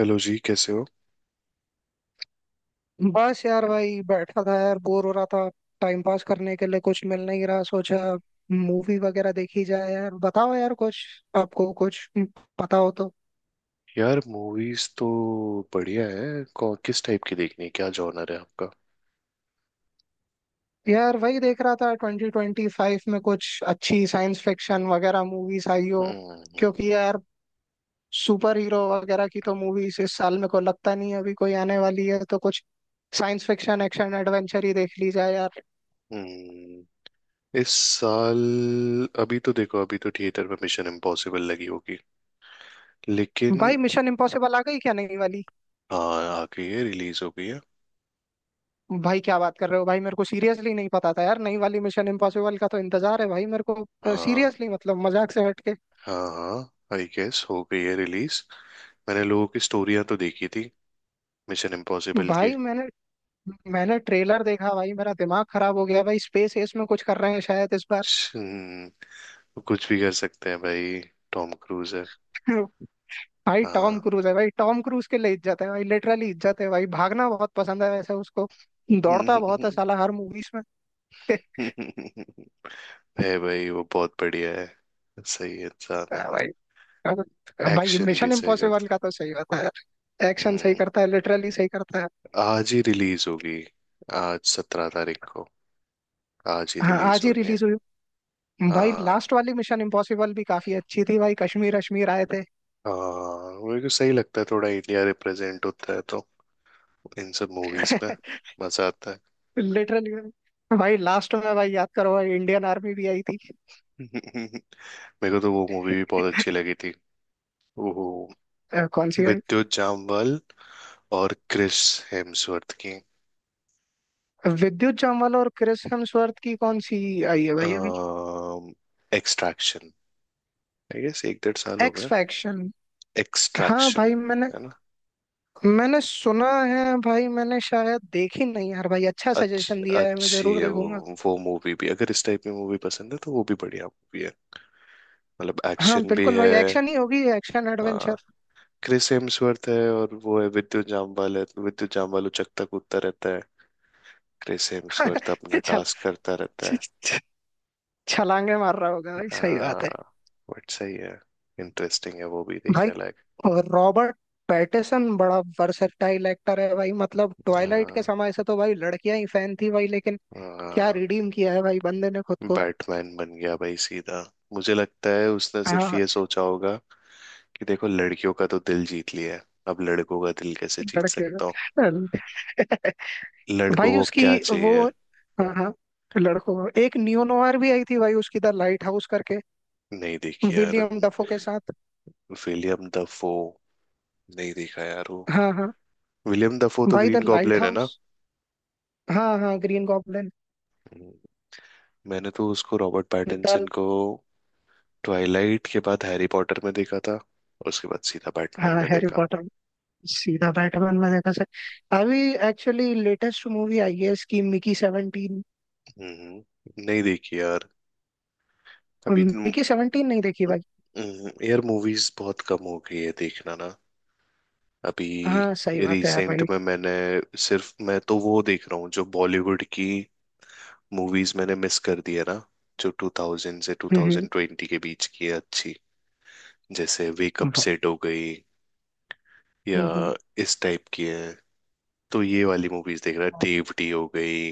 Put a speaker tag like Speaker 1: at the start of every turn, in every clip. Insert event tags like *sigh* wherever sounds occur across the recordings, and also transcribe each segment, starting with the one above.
Speaker 1: Hello जी कैसे हो।
Speaker 2: बस यार भाई बैठा था यार बोर हो रहा था। टाइम पास करने के लिए कुछ मिल नहीं रहा। सोचा मूवी वगैरह देखी जाए। यार बताओ यार कुछ, आपको कुछ पता हो तो।
Speaker 1: यार मूवीज तो बढ़िया है। किस टाइप की देखनी है, क्या जॉनर है आपका?
Speaker 2: यार वही देख रहा था, ट्वेंटी ट्वेंटी फाइव में कुछ अच्छी साइंस फिक्शन वगैरह मूवीज आई हो।
Speaker 1: हम्म हम्म,
Speaker 2: क्योंकि
Speaker 1: हम्म,
Speaker 2: यार सुपर हीरो वगैरह की तो मूवीज इस साल मेरे को लगता नहीं है अभी कोई आने वाली है, तो कुछ साइंस फिक्शन एक्शन एडवेंचर ही देख ली जाए यार।
Speaker 1: हम्म। इस साल अभी तो देखो, अभी तो थिएटर में मिशन इम्पॉसिबल लगी होगी, लेकिन
Speaker 2: भाई मिशन इम्पॉसिबल आ गई क्या, नहीं वाली?
Speaker 1: हाँ आ गई है, रिलीज हो गई है।
Speaker 2: भाई क्या बात कर रहे हो! भाई मेरे को सीरियसली नहीं पता था यार। नई वाली मिशन इम्पॉसिबल का तो इंतजार है भाई, मेरे को
Speaker 1: हाँ
Speaker 2: सीरियसली, मतलब मजाक से हट के।
Speaker 1: हाँ। हाँ, आई गेस हो गई है रिलीज। मैंने लोगों की स्टोरियां तो देखी थी मिशन इम्पॉसिबल की।
Speaker 2: भाई मैंने मैंने ट्रेलर देखा भाई, मेरा दिमाग खराब हो गया भाई। स्पेस एस में कुछ कर रहे हैं शायद इस बार।
Speaker 1: हम्म, वो कुछ भी कर सकते हैं भाई, टॉम क्रूज है।
Speaker 2: *laughs* भाई
Speaker 1: हाँ।
Speaker 2: टॉम क्रूज है भाई, टॉम क्रूज के लिए इज्जत है भाई, लिटरली इज्जत है भाई। भागना बहुत पसंद है वैसे उसको, दौड़ता बहुत है साला हर मूवीज में। *laughs*
Speaker 1: *laughs* है भाई, वो बहुत बढ़िया है, सही इंसान है।
Speaker 2: भाई, भाई
Speaker 1: एक्शन भी
Speaker 2: मिशन
Speaker 1: सही
Speaker 2: इम्पॉसिबल
Speaker 1: करता है।
Speaker 2: का तो सही होता है। एक्शन सही
Speaker 1: हम्म।
Speaker 2: करता है, लिटरली सही करता है।
Speaker 1: आज ही रिलीज होगी, आज सत्रह तारीख को आज ही
Speaker 2: हाँ
Speaker 1: रिलीज
Speaker 2: आज ही
Speaker 1: होनी है।
Speaker 2: रिलीज हुई। भाई
Speaker 1: हाँ।
Speaker 2: लास्ट वाली मिशन इम्पॉसिबल भी काफी अच्छी थी भाई, कश्मीर अश्मीर आए थे।
Speaker 1: हाँ मेरे को सही लगता है, थोड़ा इंडिया रिप्रेजेंट होता है तो इन सब मूवीज में
Speaker 2: *laughs*
Speaker 1: मजा आता है।
Speaker 2: लिटरली। भाई लास्ट में भाई याद करो भाई, इंडियन आर्मी भी आई थी।
Speaker 1: *laughs* मेरे को तो वो मूवी भी बहुत अच्छी लगी थी, वो
Speaker 2: कौन सी भाई?
Speaker 1: विद्युत जामवाल और क्रिस हेम्सवर्थ की,
Speaker 2: विद्युत जामवाल और क्रिस हेम्सवर्थ की कौन सी आई है भाई अभी?
Speaker 1: एक्सट्रैक्शन। आई गेस एक डेढ़ साल हो
Speaker 2: एक्स
Speaker 1: गए।
Speaker 2: फैक्शन? हाँ भाई
Speaker 1: एक्सट्रैक्शन,
Speaker 2: मैंने
Speaker 1: है ना।
Speaker 2: मैंने सुना है भाई, मैंने शायद देखी नहीं यार। भाई अच्छा सजेशन दिया है, मैं
Speaker 1: अच्छी
Speaker 2: जरूर
Speaker 1: है वो
Speaker 2: देखूंगा।
Speaker 1: वो मूवी भी, अगर इस टाइप में मूवी पसंद है तो वो भी बढ़िया मूवी है। मतलब
Speaker 2: हाँ
Speaker 1: एक्शन भी
Speaker 2: बिल्कुल
Speaker 1: है।
Speaker 2: भाई, एक्शन ही होगी, एक्शन एडवेंचर।
Speaker 1: हाँ, क्रिस हेम्सवर्थ है और वो है विद्युत जामवाल है, तो विद्युत जामवाल उचकता कूदता रहता है, क्रिस
Speaker 2: *laughs*
Speaker 1: हेम्सवर्थ अपना
Speaker 2: चल।
Speaker 1: टास्क करता रहता
Speaker 2: छ-
Speaker 1: है।
Speaker 2: छ- छलांगे मार रहा होगा भाई, सही
Speaker 1: हाँ
Speaker 2: बात है।
Speaker 1: बट सही है, इंटरेस्टिंग है, वो भी
Speaker 2: भाई
Speaker 1: देखने लायक।
Speaker 2: रॉबर्ट पैटिसन बड़ा वर्सेटाइल एक्टर है भाई। मतलब ट्वाइलाइट के
Speaker 1: हाँ।
Speaker 2: समय से तो भाई लड़कियां ही फैन थी भाई, लेकिन क्या
Speaker 1: हाँ,
Speaker 2: रिडीम किया है भाई बंदे ने खुद को।
Speaker 1: बैटमैन बन गया भाई सीधा। मुझे लगता है उसने सिर्फ
Speaker 2: हाँ।
Speaker 1: ये सोचा होगा कि देखो लड़कियों का तो दिल जीत लिया है, अब लड़कों का दिल कैसे जीत
Speaker 2: लड़कियों
Speaker 1: सकता हूँ।
Speaker 2: *laughs*
Speaker 1: लड़कों
Speaker 2: भाई
Speaker 1: को
Speaker 2: उसकी,
Speaker 1: क्या
Speaker 2: वो,
Speaker 1: चाहिए।
Speaker 2: हाँ हाँ, लड़कों को। एक नियो नोवार भी आई थी भाई उसकी, द लाइट हाउस करके,
Speaker 1: नहीं देखी यार।
Speaker 2: विलियम डफो के साथ।
Speaker 1: विलियम दफो नहीं देखा यार वो।
Speaker 2: हाँ हाँ
Speaker 1: विलियम दफो तो
Speaker 2: भाई,
Speaker 1: ग्रीन
Speaker 2: द लाइट
Speaker 1: गॉब्लिन है ना।
Speaker 2: हाउस। हाँ हाँ, ग्रीन गॉब्लिन।
Speaker 1: हम्म। मैंने तो उसको, रॉबर्ट
Speaker 2: द
Speaker 1: पैटिंसन को, ट्वाइलाइट के बाद हैरी पॉटर में देखा था और उसके बाद सीधा बैटमैन
Speaker 2: हाँ
Speaker 1: में
Speaker 2: हैरी
Speaker 1: देखा।
Speaker 2: पॉटर, सीधा बैटमैन में देखा सर। अभी एक्चुअली लेटेस्ट मूवी आई है इसकी, मिकी 17।
Speaker 1: हम्म। नहीं देखी यार। अभी तो-
Speaker 2: मिकी 17 नहीं देखी भाई?
Speaker 1: यार मूवीज बहुत कम हो गई है देखना ना अभी।
Speaker 2: हाँ सही बात है यार
Speaker 1: रिसेंट
Speaker 2: भाई।
Speaker 1: में मैंने सिर्फ, मैं तो वो देख रहा हूँ जो बॉलीवुड की मूवीज मैंने मिस कर दी है ना, जो 2000 से
Speaker 2: हम्म।
Speaker 1: 2020 के बीच की है अच्छी, जैसे
Speaker 2: हम्म।
Speaker 1: वेकअप सेट हो गई, या
Speaker 2: हम्म, हम्म।
Speaker 1: इस टाइप की है, तो ये वाली मूवीज देख रहा है, देवटी हो गई।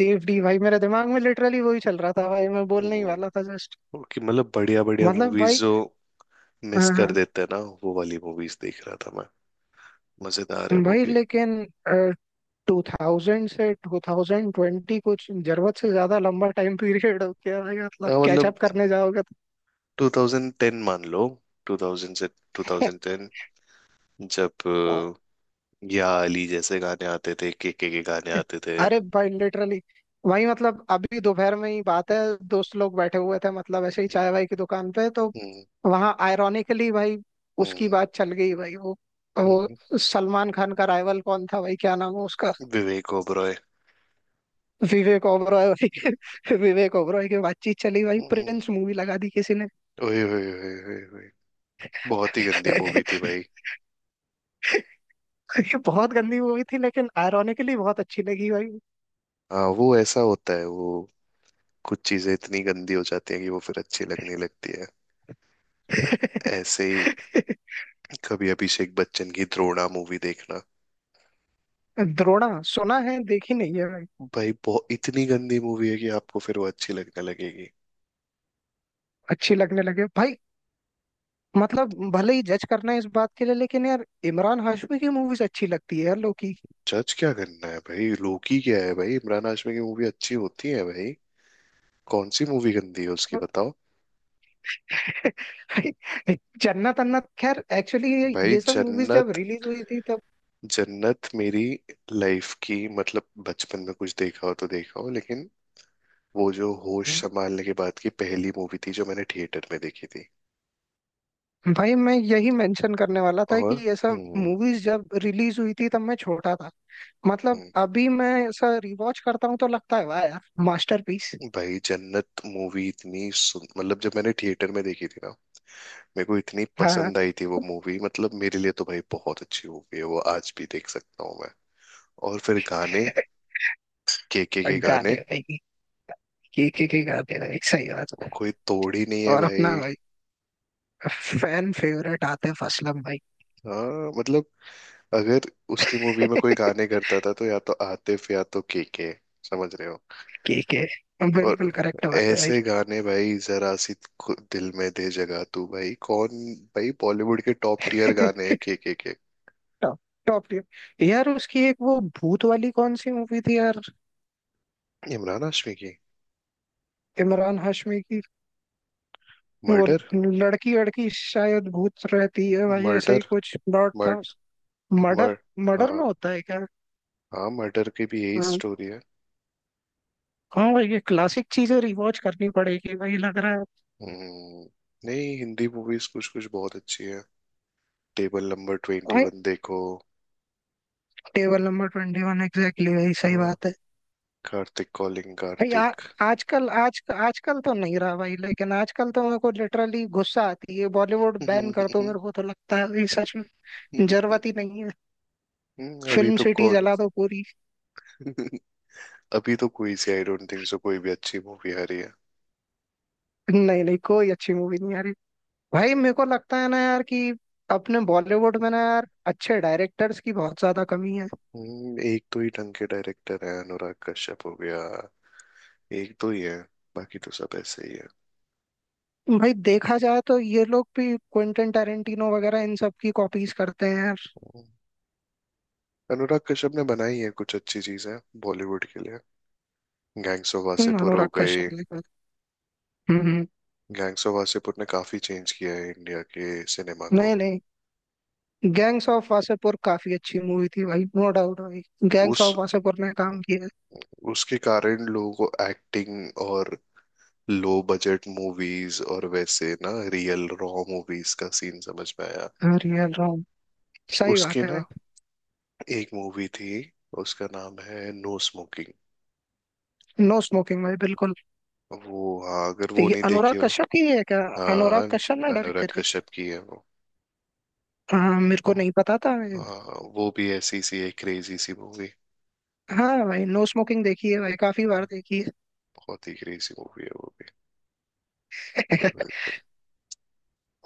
Speaker 2: देव डी भाई, मेरे दिमाग में लिटरली वही चल रहा था भाई, मैं बोलने ही
Speaker 1: हम्म,
Speaker 2: वाला था जस्ट।
Speaker 1: और कि मतलब बढ़िया बढ़िया
Speaker 2: मतलब
Speaker 1: मूवीज
Speaker 2: भाई,
Speaker 1: जो मिस
Speaker 2: हाँ
Speaker 1: कर
Speaker 2: हाँ।
Speaker 1: देते हैं ना, वो वाली मूवीज देख रहा था मैं। मजेदार है वो
Speaker 2: भाई
Speaker 1: भी।
Speaker 2: लेकिन टू थाउजेंड से टू थाउजेंड ट्वेंटी कुछ जरूरत से ज्यादा लंबा टाइम पीरियड हो गया भाई, मतलब
Speaker 1: हाँ, मतलब
Speaker 2: कैचअप करने जाओगे
Speaker 1: 2010 मान लो, 2000 से 2010, जब
Speaker 2: तो। *laughs*
Speaker 1: या अली जैसे गाने आते थे, के गाने आते थे।
Speaker 2: अरे भाई लिटरली वही, मतलब अभी दोपहर में ही बात है, दोस्त लोग बैठे हुए थे मतलब, ऐसे ही चाय वाय की दुकान पे तो,
Speaker 1: हम्म,
Speaker 2: वहां आयरॉनिकली भाई उसकी
Speaker 1: हम्म,
Speaker 2: बात चल गई भाई। वो
Speaker 1: हम्म,
Speaker 2: वो सलमान खान का राइवल कौन था भाई, क्या नाम है उसका?
Speaker 1: विवेक ओबरॉय।
Speaker 2: विवेक ओबरॉय भाई *laughs* विवेक ओबरॉय की बातचीत चली भाई,
Speaker 1: हम्म,
Speaker 2: प्रिंस मूवी लगा दी किसी ने।
Speaker 1: ओए ओए ओए ओए ओए, बहुत ही गंदी मूवी थी
Speaker 2: *laughs*
Speaker 1: भाई।
Speaker 2: ये बहुत गंदी मूवी थी लेकिन आयरॉनिकली बहुत अच्छी लगी भाई।
Speaker 1: हाँ वो ऐसा होता है वो, कुछ चीजें इतनी गंदी हो जाती हैं कि वो फिर अच्छी लगने लगती है। ऐसे ही
Speaker 2: *laughs*
Speaker 1: कभी अभिषेक बच्चन की द्रोणा मूवी देखना,
Speaker 2: द्रोणा सुना है, देखी नहीं है भाई।
Speaker 1: भाई बहुत, इतनी गंदी मूवी है कि आपको फिर वो अच्छी लगने लगेगी।
Speaker 2: अच्छी लगने लगे भाई। मतलब भले ही जज करना है इस बात के लिए, लेकिन यार इमरान हाशमी की मूवीज अच्छी लगती है यार लोग की।
Speaker 1: जज क्या करना है भाई, लोकी क्या है भाई, इमरान हाशमी की मूवी अच्छी होती है भाई। कौन सी मूवी गंदी है उसकी बताओ।
Speaker 2: *laughs* जन्नत अन्नत, खैर एक्चुअली ये,
Speaker 1: भाई
Speaker 2: ये सब मूवीज जब
Speaker 1: जन्नत,
Speaker 2: रिलीज हुई थी तब,
Speaker 1: जन्नत मेरी लाइफ की, मतलब बचपन में कुछ देखा हो तो देखा हो, लेकिन वो जो होश संभालने के बाद की पहली मूवी थी जो मैंने थिएटर में देखी थी।
Speaker 2: भाई मैं यही मेंशन करने वाला था कि
Speaker 1: और
Speaker 2: ये सब
Speaker 1: हम्म।
Speaker 2: मूवीज जब रिलीज हुई थी तब मैं छोटा था। मतलब
Speaker 1: हम्म,
Speaker 2: अभी मैं ऐसा रिवॉच करता हूँ तो लगता है वाह यार, मास्टरपीस।
Speaker 1: भाई जन्नत मूवी इतनी सुन, मतलब जब मैंने थिएटर में देखी थी ना, मेरे को इतनी
Speaker 2: हाँ हाँ।
Speaker 1: पसंद आई थी वो मूवी, मतलब मेरे लिए तो भाई बहुत अच्छी मूवी है, वो आज भी देख सकता हूँ मैं। और फिर गाने,
Speaker 2: *laughs*
Speaker 1: के गाने,
Speaker 2: गाने भाई, की गाने भाई, सही बात है।
Speaker 1: कोई तोड़ ही नहीं है
Speaker 2: और अपना
Speaker 1: भाई।
Speaker 2: भाई फैन फेवरेट आतिफ असलम भाई।
Speaker 1: हाँ मतलब, अगर उसकी मूवी में कोई गाने
Speaker 2: *laughs*
Speaker 1: करता था तो या तो आतिफ या तो केके, समझ रहे हो।
Speaker 2: केके,
Speaker 1: और
Speaker 2: बिल्कुल करेक्ट बात है भाई।
Speaker 1: ऐसे गाने भाई, जरा सी, दिल में दे जगह तू, भाई कौन, भाई बॉलीवुड के टॉप टीयर गाने हैं
Speaker 2: *laughs*
Speaker 1: केके के।
Speaker 2: टॉप, टॉप टियर यार। उसकी एक वो भूत वाली कौन सी मूवी थी यार,
Speaker 1: इमरान हाशमी की
Speaker 2: इमरान हाशमी की? वो
Speaker 1: मर्डर।
Speaker 2: लड़की लड़की शायद भूत रहती है भाई, ऐसा ही
Speaker 1: मर्डर
Speaker 2: कुछ प्लॉट था
Speaker 1: मर्ड
Speaker 2: उस। मर्डर,
Speaker 1: मर्ड
Speaker 2: मर्डर
Speaker 1: हाँ।
Speaker 2: में होता है क्या?
Speaker 1: हाँ, मर्डर की भी यही
Speaker 2: हाँ।
Speaker 1: स्टोरी है।
Speaker 2: हाँ भाई ये क्लासिक चीजें रिवॉच करनी पड़ेगी भाई, लग रहा है।
Speaker 1: हम्म। नहीं हिंदी मूवीज कुछ कुछ बहुत अच्छी है। टेबल नंबर ट्वेंटी
Speaker 2: भाई
Speaker 1: वन देखो।
Speaker 2: Table number twenty one, exactly भाई, सही
Speaker 1: हाँ,
Speaker 2: बात है।
Speaker 1: कार्तिक कॉलिंग
Speaker 2: भाई आ,
Speaker 1: कार्तिक।
Speaker 2: आजकल आज आजकल तो नहीं रहा भाई, लेकिन आजकल तो मेरे को लिटरली गुस्सा आती है। बॉलीवुड बैन कर दो, मेरे को तो लगता है भाई, सच में जरूरत ही
Speaker 1: *laughs*
Speaker 2: नहीं है।
Speaker 1: अभी
Speaker 2: फिल्म
Speaker 1: तो
Speaker 2: सिटी
Speaker 1: कौन,
Speaker 2: जला दो पूरी।
Speaker 1: *laughs* अभी तो कोई सी, आई डोंट थिंक सो कोई भी अच्छी मूवी आ रही है।
Speaker 2: नहीं नहीं, कोई अच्छी मूवी नहीं आ रही। भाई मेरे को लगता है ना यार कि अपने बॉलीवुड में ना यार अच्छे डायरेक्टर्स की बहुत ज्यादा कमी है।
Speaker 1: एक तो ही ढंग के डायरेक्टर है, अनुराग कश्यप हो गया, एक दो ही है, बाकी तो सब ऐसे ही है।
Speaker 2: भाई देखा जाए तो ये लोग भी क्विंटन टेरेंटिनो वगैरह इन सब की कॉपीज करते हैं यार।
Speaker 1: हम्म, अनुराग कश्यप ने बनाई है कुछ अच्छी चीजें बॉलीवुड के लिए, गैंग्स ऑफ वासेपुर हो
Speaker 2: अनुराग
Speaker 1: गए।
Speaker 2: कश्यप ने हम्म हम्म।
Speaker 1: गैंग्स ऑफ वासेपुर ने काफी चेंज किया है इंडिया के सिनेमा को।
Speaker 2: नहीं नहीं, गैंग्स ऑफ वासेपुर काफी अच्छी मूवी थी भाई, नो डाउट भाई। गैंग्स
Speaker 1: उस
Speaker 2: ऑफ वासेपुर ने काम किया
Speaker 1: उसके कारण लोगों को एक्टिंग और लो बजट मूवीज और वैसे ना रियल रॉ मूवीज का सीन समझ में आया।
Speaker 2: है। रियल रॉन्ग, सही
Speaker 1: उसकी
Speaker 2: बात है
Speaker 1: ना
Speaker 2: भाई।
Speaker 1: एक मूवी थी, उसका नाम है नो स्मोकिंग।
Speaker 2: नो स्मोकिंग भाई, बिल्कुल।
Speaker 1: वो, हाँ, अगर वो
Speaker 2: ये
Speaker 1: नहीं
Speaker 2: अनुराग
Speaker 1: देखी हो।
Speaker 2: कश्यप की है क्या? अनुराग
Speaker 1: हाँ,
Speaker 2: कश्यप ने डायरेक्ट
Speaker 1: अनुराग
Speaker 2: करी
Speaker 1: कश्यप की है वो।
Speaker 2: है? हाँ मेरे को नहीं पता था भाई।
Speaker 1: हाँ वो भी ऐसी सी एक क्रेजी सी मूवी,
Speaker 2: हाँ भाई नो स्मोकिंग देखी है भाई, काफी बार देखी है।
Speaker 1: बहुत ही क्रेजी मूवी है वो भी,
Speaker 2: *laughs*
Speaker 1: पागलपन।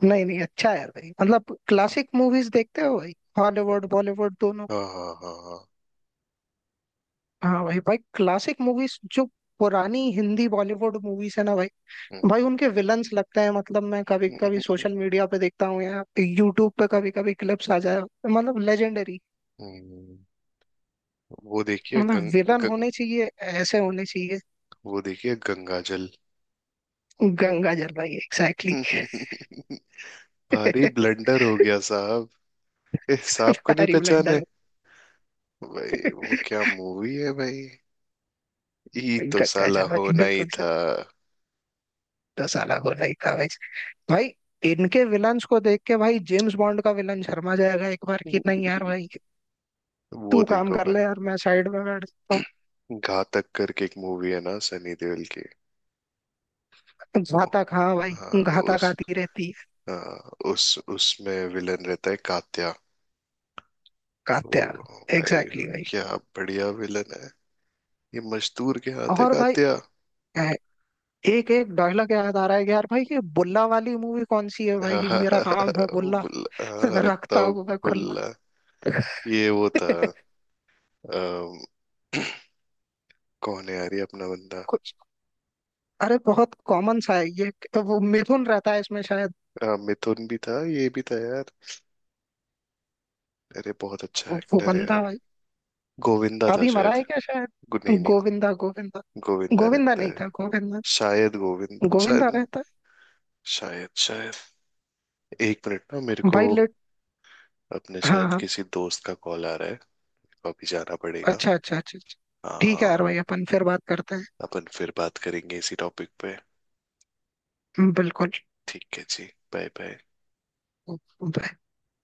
Speaker 2: नहीं नहीं, अच्छा है भाई, मतलब क्लासिक मूवीज देखते हो भाई, हॉलीवुड बॉलीवुड दोनों।
Speaker 1: हाँ हाँ हाँ हाँ।
Speaker 2: हाँ भाई, भाई क्लासिक मूवीज जो पुरानी हिंदी बॉलीवुड मूवीज है ना भाई,
Speaker 1: हम्म,
Speaker 2: भाई उनके विलन्स लगते हैं मतलब। मैं कभी कभी
Speaker 1: *laughs*
Speaker 2: सोशल मीडिया पे देखता हूँ या यूट्यूब पे, कभी कभी क्लिप्स आ जाए, मतलब लेजेंडरी।
Speaker 1: हम्म, वो देखिए
Speaker 2: मतलब
Speaker 1: गंग,
Speaker 2: विलन
Speaker 1: गंग
Speaker 2: होने चाहिए, ऐसे होने चाहिए।
Speaker 1: वो देखिए गंगा जल।
Speaker 2: गंगा जल भाई, एग्जैक्टली।
Speaker 1: *laughs* भारी ब्लंडर हो गया साहब, इस साहब को नहीं
Speaker 2: हरी ब्लडर
Speaker 1: पहचाने।
Speaker 2: हो।
Speaker 1: भाई वो क्या मूवी है भाई, ये तो
Speaker 2: गंगा
Speaker 1: साला
Speaker 2: जल भाई,
Speaker 1: होना ही
Speaker 2: बिल्कुल सर।
Speaker 1: था।
Speaker 2: तो साला बोला ही था भाई। भाई इनके विलन्स को देख के भाई जेम्स बॉन्ड का विलन शर्मा जाएगा एक बार, कि नहीं यार भाई?
Speaker 1: *laughs* वो
Speaker 2: तू काम
Speaker 1: देखो
Speaker 2: कर
Speaker 1: भाई,
Speaker 2: ले यार, मैं साइड में बैठ जाता
Speaker 1: घातक करके एक मूवी है ना सनी देओल की।
Speaker 2: हूँ।
Speaker 1: वो,
Speaker 2: घातक, हाँ
Speaker 1: हाँ।
Speaker 2: भाई घातक
Speaker 1: उस
Speaker 2: आती रहती है।
Speaker 1: हाँ, उस उसमें विलन रहता है कात्या। ओ
Speaker 2: कात्या,
Speaker 1: भाई,
Speaker 2: एग्जैक्टली।
Speaker 1: क्या बढ़िया विलन है, ये मजदूर के हाथ है
Speaker 2: और भाई
Speaker 1: कात्या।
Speaker 2: एक एक डायलॉग याद आ रहा है कि यार भाई, ये बुल्ला वाली मूवी कौन सी है भाई? मेरा नाम है
Speaker 1: *laughs*
Speaker 2: बुल्ला
Speaker 1: बुल्ला,
Speaker 2: *laughs*
Speaker 1: हाँ, रखता
Speaker 2: रखता
Speaker 1: हूँ,
Speaker 2: हूँ मैं खुल्ला।
Speaker 1: बुल्ला, ये वो था।
Speaker 2: *laughs*
Speaker 1: अम, *clears throat* कौन है यार ये अपना बंदा।
Speaker 2: कुछ, अरे बहुत कॉमन सा है ये तो। वो मिथुन रहता है इसमें शायद।
Speaker 1: मिथुन भी था, ये भी था यार, अरे बहुत अच्छा
Speaker 2: वो
Speaker 1: एक्टर है
Speaker 2: बंदा
Speaker 1: यार।
Speaker 2: भाई,
Speaker 1: गोविंदा था
Speaker 2: अभी मरा
Speaker 1: शायद।
Speaker 2: है क्या शायद?
Speaker 1: नहीं नहीं,
Speaker 2: गोविंदा गोविंदा,
Speaker 1: गोविंदा
Speaker 2: गोविंदा
Speaker 1: रहता
Speaker 2: नहीं
Speaker 1: है,
Speaker 2: था? गोविंदा,
Speaker 1: शायद गोविंद,
Speaker 2: गोविंदा
Speaker 1: शायद,
Speaker 2: रहता
Speaker 1: शायद, शायद। एक मिनट ना मेरे
Speaker 2: है
Speaker 1: को,
Speaker 2: भाई। लेट?
Speaker 1: अपने
Speaker 2: हाँ
Speaker 1: शायद
Speaker 2: हाँ,
Speaker 1: किसी दोस्त का कॉल आ रहा है, तो अभी जाना पड़ेगा।
Speaker 2: अच्छा अच्छा अच्छा अच्छा।
Speaker 1: हाँ
Speaker 2: ठीक है यार
Speaker 1: हाँ।
Speaker 2: भाई, अपन फिर बात करते
Speaker 1: अपन फिर बात करेंगे इसी टॉपिक पे।
Speaker 2: हैं, बिल्कुल।
Speaker 1: ठीक है जी। Bye bye.
Speaker 2: Bye.